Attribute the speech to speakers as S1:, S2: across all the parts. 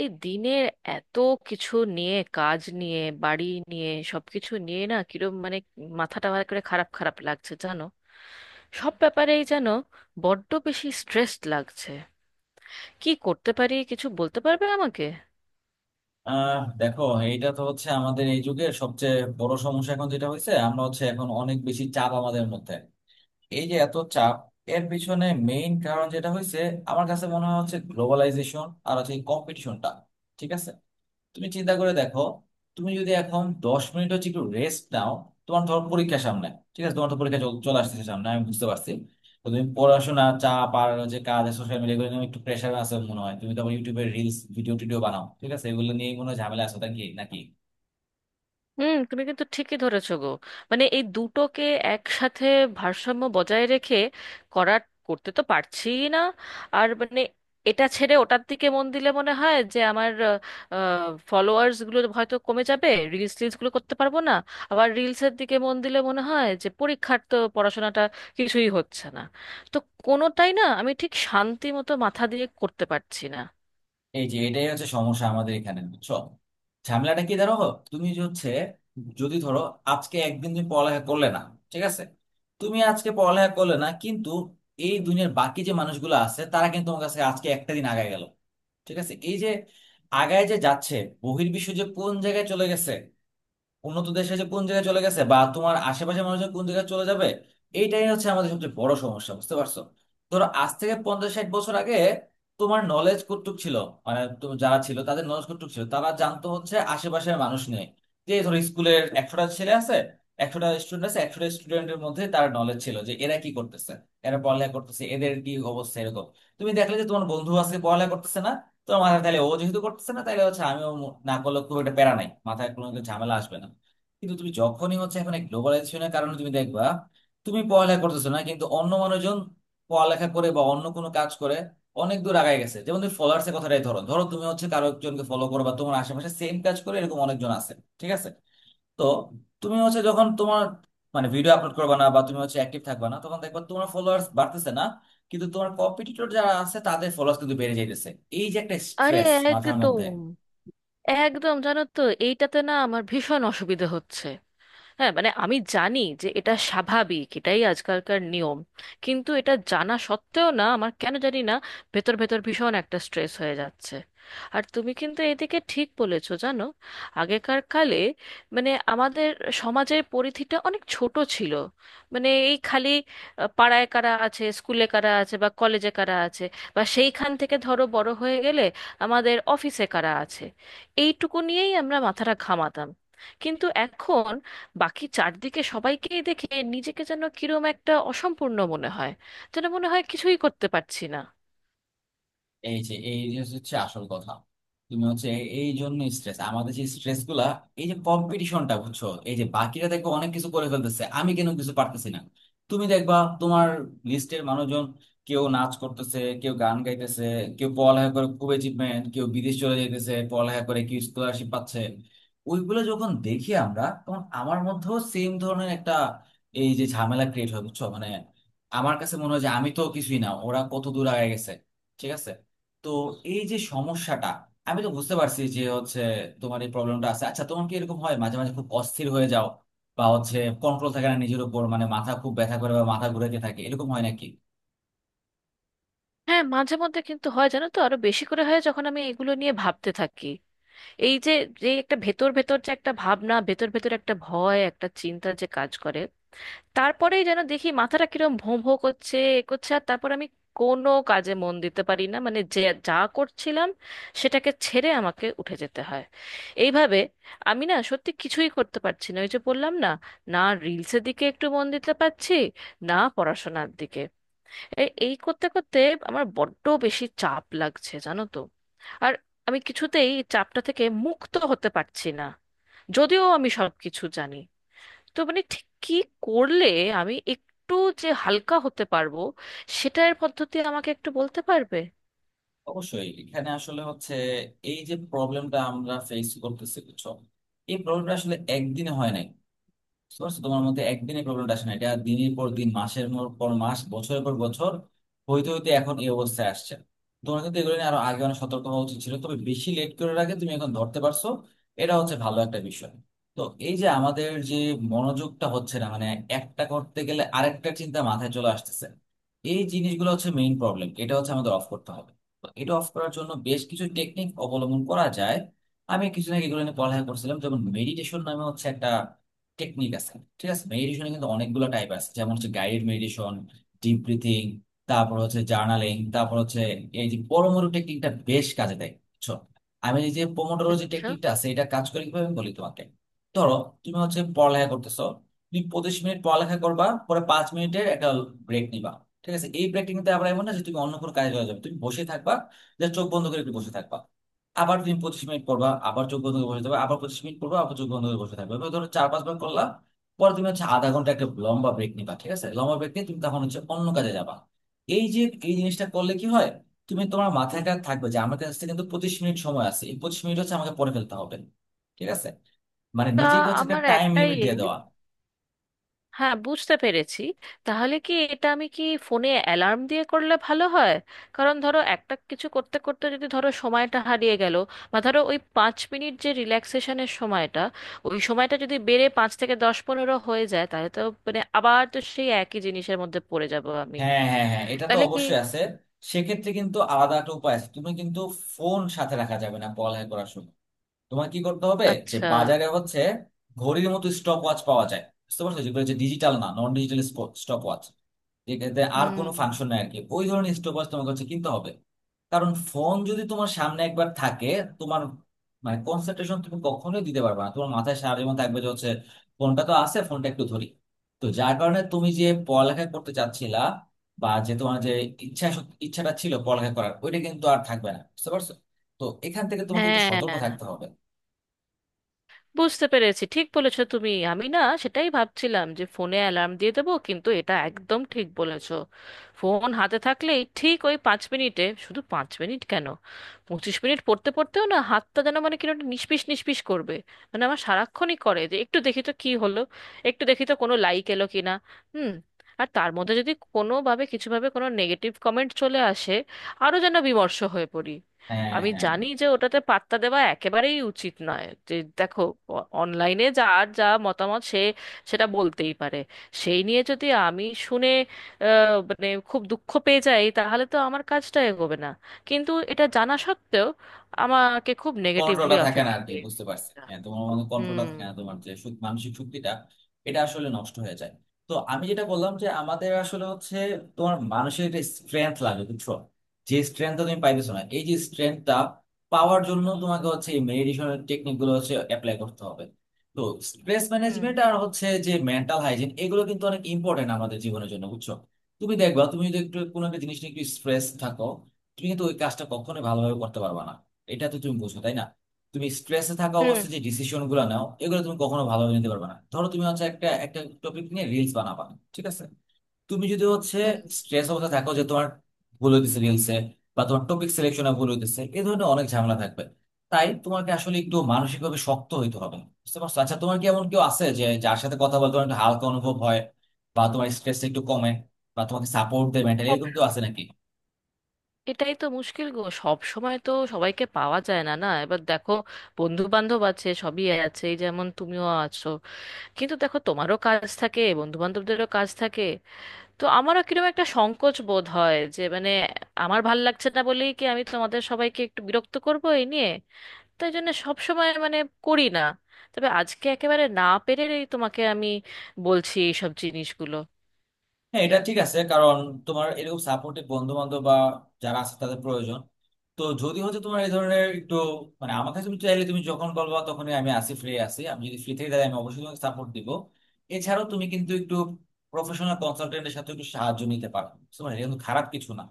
S1: এই দিনের এত কিছু নিয়ে, কাজ নিয়ে, বাড়ি নিয়ে, সবকিছু নিয়ে, না কিরম মাথাটা ভালো করে খারাপ খারাপ লাগছে জানো। সব ব্যাপারেই যেন বড্ড বেশি স্ট্রেসড লাগছে। কি করতে পারি কিছু বলতে পারবে আমাকে?
S2: দেখো, এটা তো হচ্ছে আমাদের এই যুগের সবচেয়ে বড় সমস্যা। এখন যেটা হয়েছে, আমরা হচ্ছে এখন অনেক বেশি চাপ আমাদের মধ্যে। এই যে এত চাপ, এর পিছনে মেইন কারণ যেটা হয়েছে, আমার কাছে মনে হয় হচ্ছে গ্লোবালাইজেশন আর হচ্ছে কম্পিটিশনটা। ঠিক আছে, তুমি চিন্তা করে দেখো। তুমি যদি এখন 10 মিনিট হচ্ছে একটু রেস্ট নাও, তোমার ধর পরীক্ষা সামনে। ঠিক আছে, তোমার তো পরীক্ষা চলে আসতেছে সামনে, আমি বুঝতে পারছি। তো তুমি পড়াশোনা চাপ আর যে কাজ সোশ্যাল মিডিয়া এগুলো নিয়ে একটু প্রেশার আছে মনে হয়। তুমি তো আবার ইউটিউবে রিলস ভিডিও টিডিও বানাও, ঠিক আছে, এগুলো নিয়ে মনে হয় ঝামেলা আছে নাকি নাকি
S1: হুম, তুমি কিন্তু ঠিকই ধরেছো গো। এই দুটোকে একসাথে ভারসাম্য বজায় রেখে করার, করতে তো পারছি না। আর এটা ছেড়ে ওটার দিকে মন দিলে মনে হয় যে আমার ফলোয়ার্স গুলো হয়তো কমে যাবে, রিলস টিলস গুলো করতে পারবো না। আবার রিলসের দিকে মন দিলে মনে হয় যে পরীক্ষার, তো পড়াশোনাটা কিছুই হচ্ছে না। তো কোনোটাই না আমি ঠিক শান্তি মতো মাথা দিয়ে করতে পারছি না।
S2: এই যে, এটাই হচ্ছে সমস্যা আমাদের এখানে, বুঝছো। ঝামেলাটা কি দাঁড়াবো, তুমি যে হচ্ছে, যদি ধরো আজকে একদিন তুমি পড়ালেখা করলে না, ঠিক আছে। তুমি আজকে পড়ালেখা করলে না, কিন্তু এই দুনিয়ার বাকি যে মানুষগুলো আছে তারা কিন্তু তোমার কাছে আজকে একটা দিন আগায় গেল। ঠিক আছে, এই যে আগায় যে যাচ্ছে, বহির্বিশ্ব যে কোন জায়গায় চলে গেছে, উন্নত দেশে যে কোন জায়গায় চলে গেছে, বা তোমার আশেপাশের মানুষজন কোন জায়গায় চলে যাবে। এইটাই হচ্ছে আমাদের সবচেয়ে বড় সমস্যা, বুঝতে পারছো। ধরো আজ থেকে 50-60 বছর আগে তোমার নলেজ কতটুক ছিল, মানে তুমি যারা ছিল তাদের নলেজ কতটুক ছিল, তারা জানতো হচ্ছে আশেপাশের মানুষ নিয়ে। যে ধরো স্কুলের 100টা ছেলে আছে, 100টা স্টুডেন্ট আছে, 100টা স্টুডেন্টের মধ্যে তার নলেজ ছিল যে এরা কি করতেছে, এরা পড়ালেখা করতেছে, এদের কি অবস্থা, এরকম। তুমি দেখলে যে তোমার বন্ধু আজকে পড়ালেখা করতেছে না, তো মাথায় তাহলে ও যেহেতু করতেছে না তাহলে হচ্ছে আমিও না করলে খুব একটা প্যারা নাই, মাথায় কোনো একটা ঝামেলা আসবে না। কিন্তু তুমি যখনই হচ্ছে এখন এই গ্লোবালাইজেশনের কারণে তুমি দেখবা, তুমি পড়ালেখা করতেছো না কিন্তু অন্য মানুষজন পড়ালেখা করে বা অন্য কোনো কাজ করে অনেক দূর আগায় গেছে। যেমন তুমি ফলোয়ার্স এর কথাটাই ধরো, ধরো তুমি হচ্ছে কারো একজনকে ফলো করো বা তোমার আশেপাশে সেম কাজ করে এরকম অনেকজন আছে, ঠিক আছে। তো তুমি হচ্ছে যখন তোমার মানে ভিডিও আপলোড করবে না বা তুমি হচ্ছে অ্যাক্টিভ থাকবে না, তখন দেখবা তোমার ফলোয়ার্স বাড়তেছে না, কিন্তু তোমার কম্পিটিটর যারা আছে তাদের ফলোয়ার্স কিন্তু বেড়ে যাইতেছে। এই যে একটা
S1: আরে
S2: স্ট্রেস মাথার মধ্যে।
S1: একদম, একদম জানো তো, এইটাতে না আমার ভীষণ অসুবিধে হচ্ছে। হ্যাঁ, আমি জানি যে এটা স্বাভাবিক, এটাই আজকালকার নিয়ম। কিন্তু এটা জানা সত্ত্বেও না আমার কেন জানি না ভেতর ভেতর ভীষণ একটা স্ট্রেস হয়ে যাচ্ছে। আর তুমি কিন্তু এদিকে ঠিক বলেছো জানো। আগেকার কালে আমাদের সমাজের পরিধিটা অনেক ছোট ছিল। এই খালি পাড়ায় কারা আছে, স্কুলে কারা আছে, বা কলেজে কারা আছে, বা সেইখান থেকে ধরো বড় হয়ে গেলে আমাদের অফিসে কারা আছে, এইটুকু নিয়েই আমরা মাথাটা ঘামাতাম। কিন্তু এখন বাকি চারদিকে সবাইকেই দেখে নিজেকে যেন কিরম একটা অসম্পূর্ণ মনে হয়, যেন মনে হয় কিছুই করতে পারছি না।
S2: এই যে হচ্ছে আসল কথা। তুমি হচ্ছে এই জন্য স্ট্রেস, আমাদের যে স্ট্রেস গুলা, এই যে কম্পিটিশনটা, বুঝছো। এই যে বাকিরা দেখো অনেক কিছু করে ফেলতেছে, আমি কেন কিছু পারতেছি না। তুমি দেখবা তোমার লিস্টের মানুষজন কেউ নাচ করতেছে, কেউ গান গাইতেছে, কেউ পড়ালেখা করে খুব অ্যাচিভমেন্ট, কেউ বিদেশ চলে যাইতেছে পড়ালেখা করে, কেউ স্কলারশিপ পাচ্ছে। ওইগুলো যখন দেখি আমরা, তখন আমার মধ্যেও সেম ধরনের একটা এই যে ঝামেলা ক্রিয়েট হয়, বুঝছো। মানে আমার কাছে মনে হয় যে আমি তো কিছুই না, ওরা কত দূর আগে গেছে, ঠিক আছে। তো এই যে সমস্যাটা, আমি তো বুঝতে পারছি যে হচ্ছে তোমার এই প্রবলেমটা আছে। আচ্ছা তোমার কি এরকম হয় মাঝে মাঝে খুব অস্থির হয়ে যাও, বা হচ্ছে কন্ট্রোল থাকে না নিজের উপর, মানে মাথা খুব ব্যথা করে বা মাথা ঘুরাইতে থাকে, এরকম হয় নাকি?
S1: হ্যাঁ, মাঝে মধ্যে কিন্তু হয় জানো তো, আরো বেশি করে হয় যখন আমি এগুলো নিয়ে ভাবতে থাকি। এই যে যে একটা ভেতর ভেতর যে একটা ভাবনা ভেতর ভেতর একটা ভয়, একটা চিন্তা যে কাজ করে, তারপরেই যেন দেখি মাথাটা কিরম ভোঁ ভোঁ করছে, এ করছে, আর তারপর আমি কোনো কাজে মন দিতে পারি না। মানে যে যা করছিলাম সেটাকে ছেড়ে আমাকে উঠে যেতে হয়। এইভাবে আমি না সত্যি কিছুই করতে পারছি না। ওই যে বললাম না, না রিলসের দিকে একটু মন দিতে পারছি, না পড়াশোনার দিকে। এই এই করতে করতে আমার বড্ড বেশি চাপ লাগছে জানো তো। আর আমি কিছুতেই এই চাপটা থেকে মুক্ত হতে পারছি না, যদিও আমি সবকিছু জানি। তো ঠিক কি করলে আমি একটু যে হালকা হতে পারবো, সেটার পদ্ধতি আমাকে একটু বলতে পারবে?
S2: অবশ্যই, এখানে আসলে হচ্ছে এই যে প্রবলেমটা আমরা ফেস করতেছি, বুঝছো। এই প্রবলেমটা আসলে একদিনে হয় নাই, বুঝছো। তোমার মধ্যে একদিনে প্রবলেমটা আসে না, এটা দিনের পর দিন, মাসের পর মাস, বছরের পর বছর হইতে হইতে এখন এই অবস্থায় আসছে। তোমার কিন্তু এগুলো নিয়ে আরো আগে অনেক সতর্ক হওয়া উচিত ছিল, তবে বেশি লেট করে রাখে তুমি এখন ধরতে পারছো, এটা হচ্ছে ভালো একটা বিষয়। তো এই যে আমাদের যে মনোযোগটা হচ্ছে না, মানে একটা করতে গেলে আরেকটা চিন্তা মাথায় চলে আসতেছে, এই জিনিসগুলো হচ্ছে মেইন প্রবলেম, এটা হচ্ছে আমাদের অফ করতে হবে। তো এটা অফ করার জন্য বেশ কিছু টেকনিক অবলম্বন করা যায়। আমি কিছু না এগুলো নিয়ে পড়ালেখা করছিলাম, যেমন মেডিটেশন নামে হচ্ছে একটা টেকনিক আছে, ঠিক আছে। মেডিটেশনে কিন্তু অনেকগুলো টাইপ আছে, যেমন হচ্ছে গাইডেড মেডিটেশন, ডিপ ব্রিথিং, তারপর হচ্ছে জার্নালিং, তারপর হচ্ছে এই যে পোমোডোরো টেকনিকটা বেশ কাজে দেয়, বুঝছো। আমি এই যে পোমোডোরো যে
S1: আচ্ছা।
S2: টেকনিকটা আছে এটা কাজ করে কিভাবে আমি বলি তোমাকে। ধরো তুমি হচ্ছে পড়ালেখা করতেছো, তুমি 25 মিনিট পড়ালেখা করবা, পরে 5 মিনিটের একটা ব্রেক নিবা, ঠিক আছে। এই ব্রেকটা কিন্তু আবার এমন না যে তুমি অন্য কোনো কাজে চলে যাবে, তুমি বসে থাকবা, যে চোখ বন্ধ করে একটু বসে থাকবা। আবার তুমি 25 মিনিট পড়বা, আবার চোখ বন্ধ করে বসে থাকবে, আবার 25 মিনিট পড়বা, আবার চোখ বন্ধ করে বসে থাকবে, এভাবে ধরো 4-5 বার করলা। পরে তুমি হচ্ছে আধা ঘন্টা একটা লম্বা ব্রেক নিবা, ঠিক আছে। লম্বা ব্রেক নিয়ে তুমি তখন হচ্ছে অন্য কাজে যাবা। এই যে এই জিনিসটা করলে কি হয়, তুমি তোমার মাথায় কাজ থাকবে যে আমার কাছে কিন্তু 25 মিনিট সময় আছে, এই 25 মিনিট হচ্ছে আমাকে পড়ে ফেলতে হবে, ঠিক আছে। মানে
S1: তা
S2: নিজেকে হচ্ছে একটা
S1: আমার
S2: টাইম
S1: একটাই
S2: লিমিট দিয়ে দেওয়া।
S1: হ্যাঁ, বুঝতে পেরেছি। তাহলে কি এটা, আমি কি ফোনে অ্যালার্ম দিয়ে করলে ভালো হয়? কারণ ধরো একটা কিছু করতে করতে যদি ধরো সময়টা হারিয়ে গেল, বা ধরো ওই পাঁচ মিনিট যে রিল্যাক্সেশনের সময়টা, ওই সময়টা যদি বেড়ে পাঁচ থেকে দশ, পনেরো হয়ে যায়, তাহলে তো আবার তো সেই একই জিনিসের মধ্যে পড়ে যাব আমি।
S2: হ্যাঁ হ্যাঁ হ্যাঁ, এটা তো
S1: তাহলে কি?
S2: অবশ্যই আছে। সেক্ষেত্রে কিন্তু আলাদা একটা উপায় আছে, তুমি কিন্তু ফোন সাথে রাখা যাবে না পড়ালেখা করার সময়। তোমার কি করতে হবে, যে
S1: আচ্ছা।
S2: বাজারে হচ্ছে ঘড়ির মতো স্টপ ওয়াচ পাওয়া যায়, বুঝতে পারছো, যেগুলো হচ্ছে ডিজিটাল না, নন ডিজিটাল স্টপ ওয়াচ, যেটাতে আর কোনো
S1: হুম।
S2: ফাংশন নাই আর কি, ওই ধরনের স্টপ ওয়াচ তোমাকে হচ্ছে কিনতে হবে। কারণ ফোন যদি তোমার সামনে একবার থাকে, তোমার মানে কনসেন্ট্রেশন তুমি কখনোই দিতে পারবে না, তোমার মাথায় সারা জীবন থাকবে যে হচ্ছে ফোনটা তো আছে, ফোনটা একটু ধরি। তো যার কারণে তুমি যে পড়ালেখা করতে চাচ্ছিলা, বা যে তোমার যে ইচ্ছাটা ছিল পড়ালেখা করার, ওইটা কিন্তু আর থাকবে না, বুঝতে পারছো। তো এখান থেকে তোমাকে একটু
S1: হ্যাঁ
S2: সতর্ক থাকতে হবে।
S1: বুঝতে পেরেছি, ঠিক বলেছো তুমি। আমি না সেটাই ভাবছিলাম যে ফোনে অ্যালার্ম দিয়ে দেবো, কিন্তু এটা একদম ঠিক বলেছো। ফোন হাতে থাকলেই ঠিক ওই পাঁচ মিনিটে, শুধু পাঁচ মিনিট কেন, পঁচিশ মিনিট পড়তে পড়তেও না হাতটা যেন কিরকম একটা নিষ্পিস নিষ্পিস করবে। আমার সারাক্ষণই করে যে একটু দেখি তো কি হলো, একটু দেখি তো কোনো লাইক এলো কি না। হুম। আর তার মধ্যে যদি কোনোভাবে কিছুভাবে কোনো নেগেটিভ কমেন্ট চলে আসে আরও যেন বিমর্ষ হয়ে পড়ি।
S2: হ্যাঁ
S1: আমি
S2: হ্যাঁ,
S1: জানি যে ওটাতে পাত্তা দেওয়া একেবারেই উচিত নয়, যে দেখো অনলাইনে যার যা মতামত সে সেটা বলতেই পারে। সেই নিয়ে যদি আমি শুনে আহ, খুব দুঃখ পেয়ে যাই, তাহলে তো আমার কাজটা এগোবে না। কিন্তু এটা জানা সত্ত্বেও আমাকে খুব নেগেটিভলি
S2: কন্ট্রোলটা থাকে না
S1: অ্যাফেক্ট
S2: আর
S1: করে
S2: কি,
S1: এই
S2: বুঝতে পারছি।
S1: জিনিসটা।
S2: হ্যাঁ তোমার মধ্যে কন্ট্রোলটা
S1: হুম।
S2: থাকে না, তোমার যে মানসিক শক্তিটা এটা আসলে নষ্ট হয়ে যায়। তো আমি যেটা বললাম যে আমাদের আসলে হচ্ছে, তোমার মানুষের একটা স্ট্রেংথ লাগে, বুঝছো, যে স্ট্রেংথটা তুমি পাইতেছো না। এই যে স্ট্রেংথটা পাওয়ার জন্য তোমাকে হচ্ছে এই মেডিটেশনের টেকনিক গুলো হচ্ছে অ্যাপ্লাই করতে হবে। তো স্ট্রেস
S1: হুম।
S2: ম্যানেজমেন্ট আর হচ্ছে যে মেন্টাল হাইজিন, এগুলো কিন্তু অনেক ইম্পর্টেন্ট আমাদের জীবনের জন্য, বুঝছো। তুমি দেখবা, তুমি যদি একটু কোনো একটা জিনিস নিয়ে একটু স্ট্রেস থাকো, তুমি কিন্তু ওই কাজটা কখনোই ভালোভাবে করতে পারবা না, এটা তো তুমি বুঝো তাই না। তুমি স্ট্রেসে থাকা
S1: হুম।
S2: অবস্থায় যে ডিসিশন গুলো নাও এগুলো তুমি কখনো ভালোভাবে নিতে পারবে না। ধরো তুমি হচ্ছে একটা একটা টপিক নিয়ে রিলস বানাবা, ঠিক আছে। তুমি যদি হচ্ছে
S1: হুম।
S2: স্ট্রেস অবস্থায় থাকো, যে তোমার ভুল হইতেছে রিলসে, বা তোমার টপিক সিলেকশনে ভুল হইতেছে, এই ধরনের অনেক ঝামেলা থাকবে। তাই তোমাকে আসলে একটু মানসিকভাবে শক্ত হইতে হবে, বুঝতে পারছো। আচ্ছা তোমার কি এমন কেউ আছে যে, যার সাথে কথা বলতে তোমার একটু হালকা অনুভব হয়, বা তোমার স্ট্রেসটা একটু কমে, বা তোমাকে সাপোর্ট দেয় মেন্টালি,
S1: ও,
S2: এরকম কেউ আছে নাকি?
S1: এটাই তো মুশকিল গো, সব সময় তো সবাইকে পাওয়া যায় না না। এবার দেখো বন্ধু বান্ধব আছে, সবই আছে, এই যেমন তুমিও আছো। কিন্তু দেখো তোমারও কাজ থাকে, বন্ধু বান্ধবদেরও কাজ থাকে। তো আমারও কিরকম একটা সংকোচ বোধ হয় যে আমার ভাল লাগছে না বলেই কি আমি তোমাদের সবাইকে একটু বিরক্ত করবো এই নিয়ে। তাই জন্য সব সময় করি না। তবে আজকে একেবারে না পেরেই তোমাকে আমি বলছি এইসব জিনিসগুলো।
S2: হ্যাঁ, এটা ঠিক আছে, কারণ তোমার এরকম সাপোর্টিভ বন্ধু বান্ধব বা যারা আছে তাদের প্রয়োজন। তো যদি হচ্ছে তোমার এই ধরনের একটু মানে, আমার কাছে তুমি চাইলে, তুমি যখন বলবা তখনই আমি আসি, ফ্রি আছি, আমি যদি ফ্রি থেকে তাহলে আমি অবশ্যই তোমাকে সাপোর্ট দিব। এছাড়াও তুমি কিন্তু একটু প্রফেশনাল কনসালটেন্টের সাথে একটু সাহায্য নিতে পারো, বুঝতে পারলে? এটা কিন্তু খারাপ কিছু না।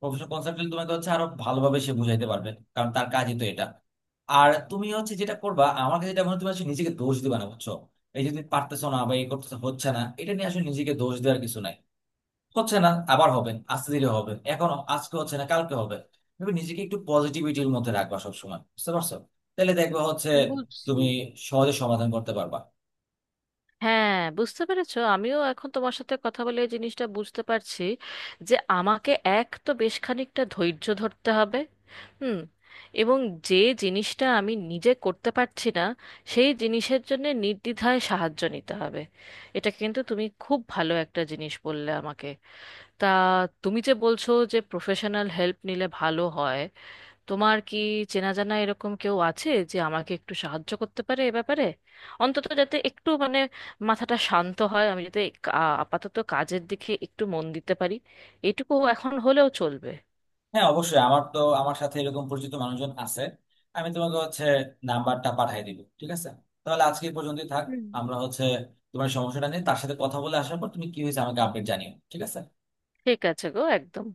S2: প্রফেশনাল কনসালটেন্ট তোমাকে হচ্ছে আরো ভালোভাবে সে বুঝাইতে পারবে, কারণ তার কাজই তো এটা। আর তুমি হচ্ছে যেটা করবা, আমার কাছে যেটা মনে হয়, তুমি আসলে নিজেকে দোষ দিবা না, বুঝছো। এই যে তুমি পারতেছো না বা এই করতেছো হচ্ছে না, এটা নিয়ে আসলে নিজেকে দোষ দেওয়ার কিছু নাই। হচ্ছে না, আবার হবে, আস্তে ধীরে হবে, এখন আজকে হচ্ছে না কালকে হবে। তুমি নিজেকে একটু পজিটিভিটির মধ্যে রাখবা সবসময়, বুঝতে পারছো, তাহলে দেখবা হচ্ছে
S1: বুঝছি।
S2: তুমি সহজে সমাধান করতে পারবা।
S1: হ্যাঁ বুঝতে পেরেছো, আমিও এখন তোমার সাথে কথা বলে এই জিনিসটা বুঝতে পারছি যে আমাকে এক তো বেশ খানিকটা ধৈর্য ধরতে হবে। হুম। এবং যে জিনিসটা আমি নিজে করতে পারছি না, সেই জিনিসের জন্য নির্দ্বিধায় সাহায্য নিতে হবে। এটা কিন্তু তুমি খুব ভালো একটা জিনিস বললে আমাকে। তা তুমি যে বলছো যে প্রফেশনাল হেল্প নিলে ভালো হয়, তোমার কি চেনা জানা এরকম কেউ আছে যে আমাকে একটু সাহায্য করতে পারে এ ব্যাপারে? অন্তত যাতে একটু মাথাটা শান্ত হয়, আমি যাতে আপাতত কাজের দিকে একটু মন দিতে পারি, এটুকু এখন হলেও চলবে।
S2: হ্যাঁ অবশ্যই, আমার তো আমার সাথে এরকম পরিচিত মানুষজন আছে। আমি তোমাকে হচ্ছে নাম্বারটা পাঠিয়ে দিব, ঠিক আছে। তাহলে আজকে এই পর্যন্তই থাক।
S1: হুম।
S2: আমরা হচ্ছে তোমার সমস্যাটা নিয়ে তার সাথে কথা বলে আসার পর তুমি কি হয়েছে আমাকে আপডেট জানিও, ঠিক আছে।
S1: ঠিক আছে গো, একদম।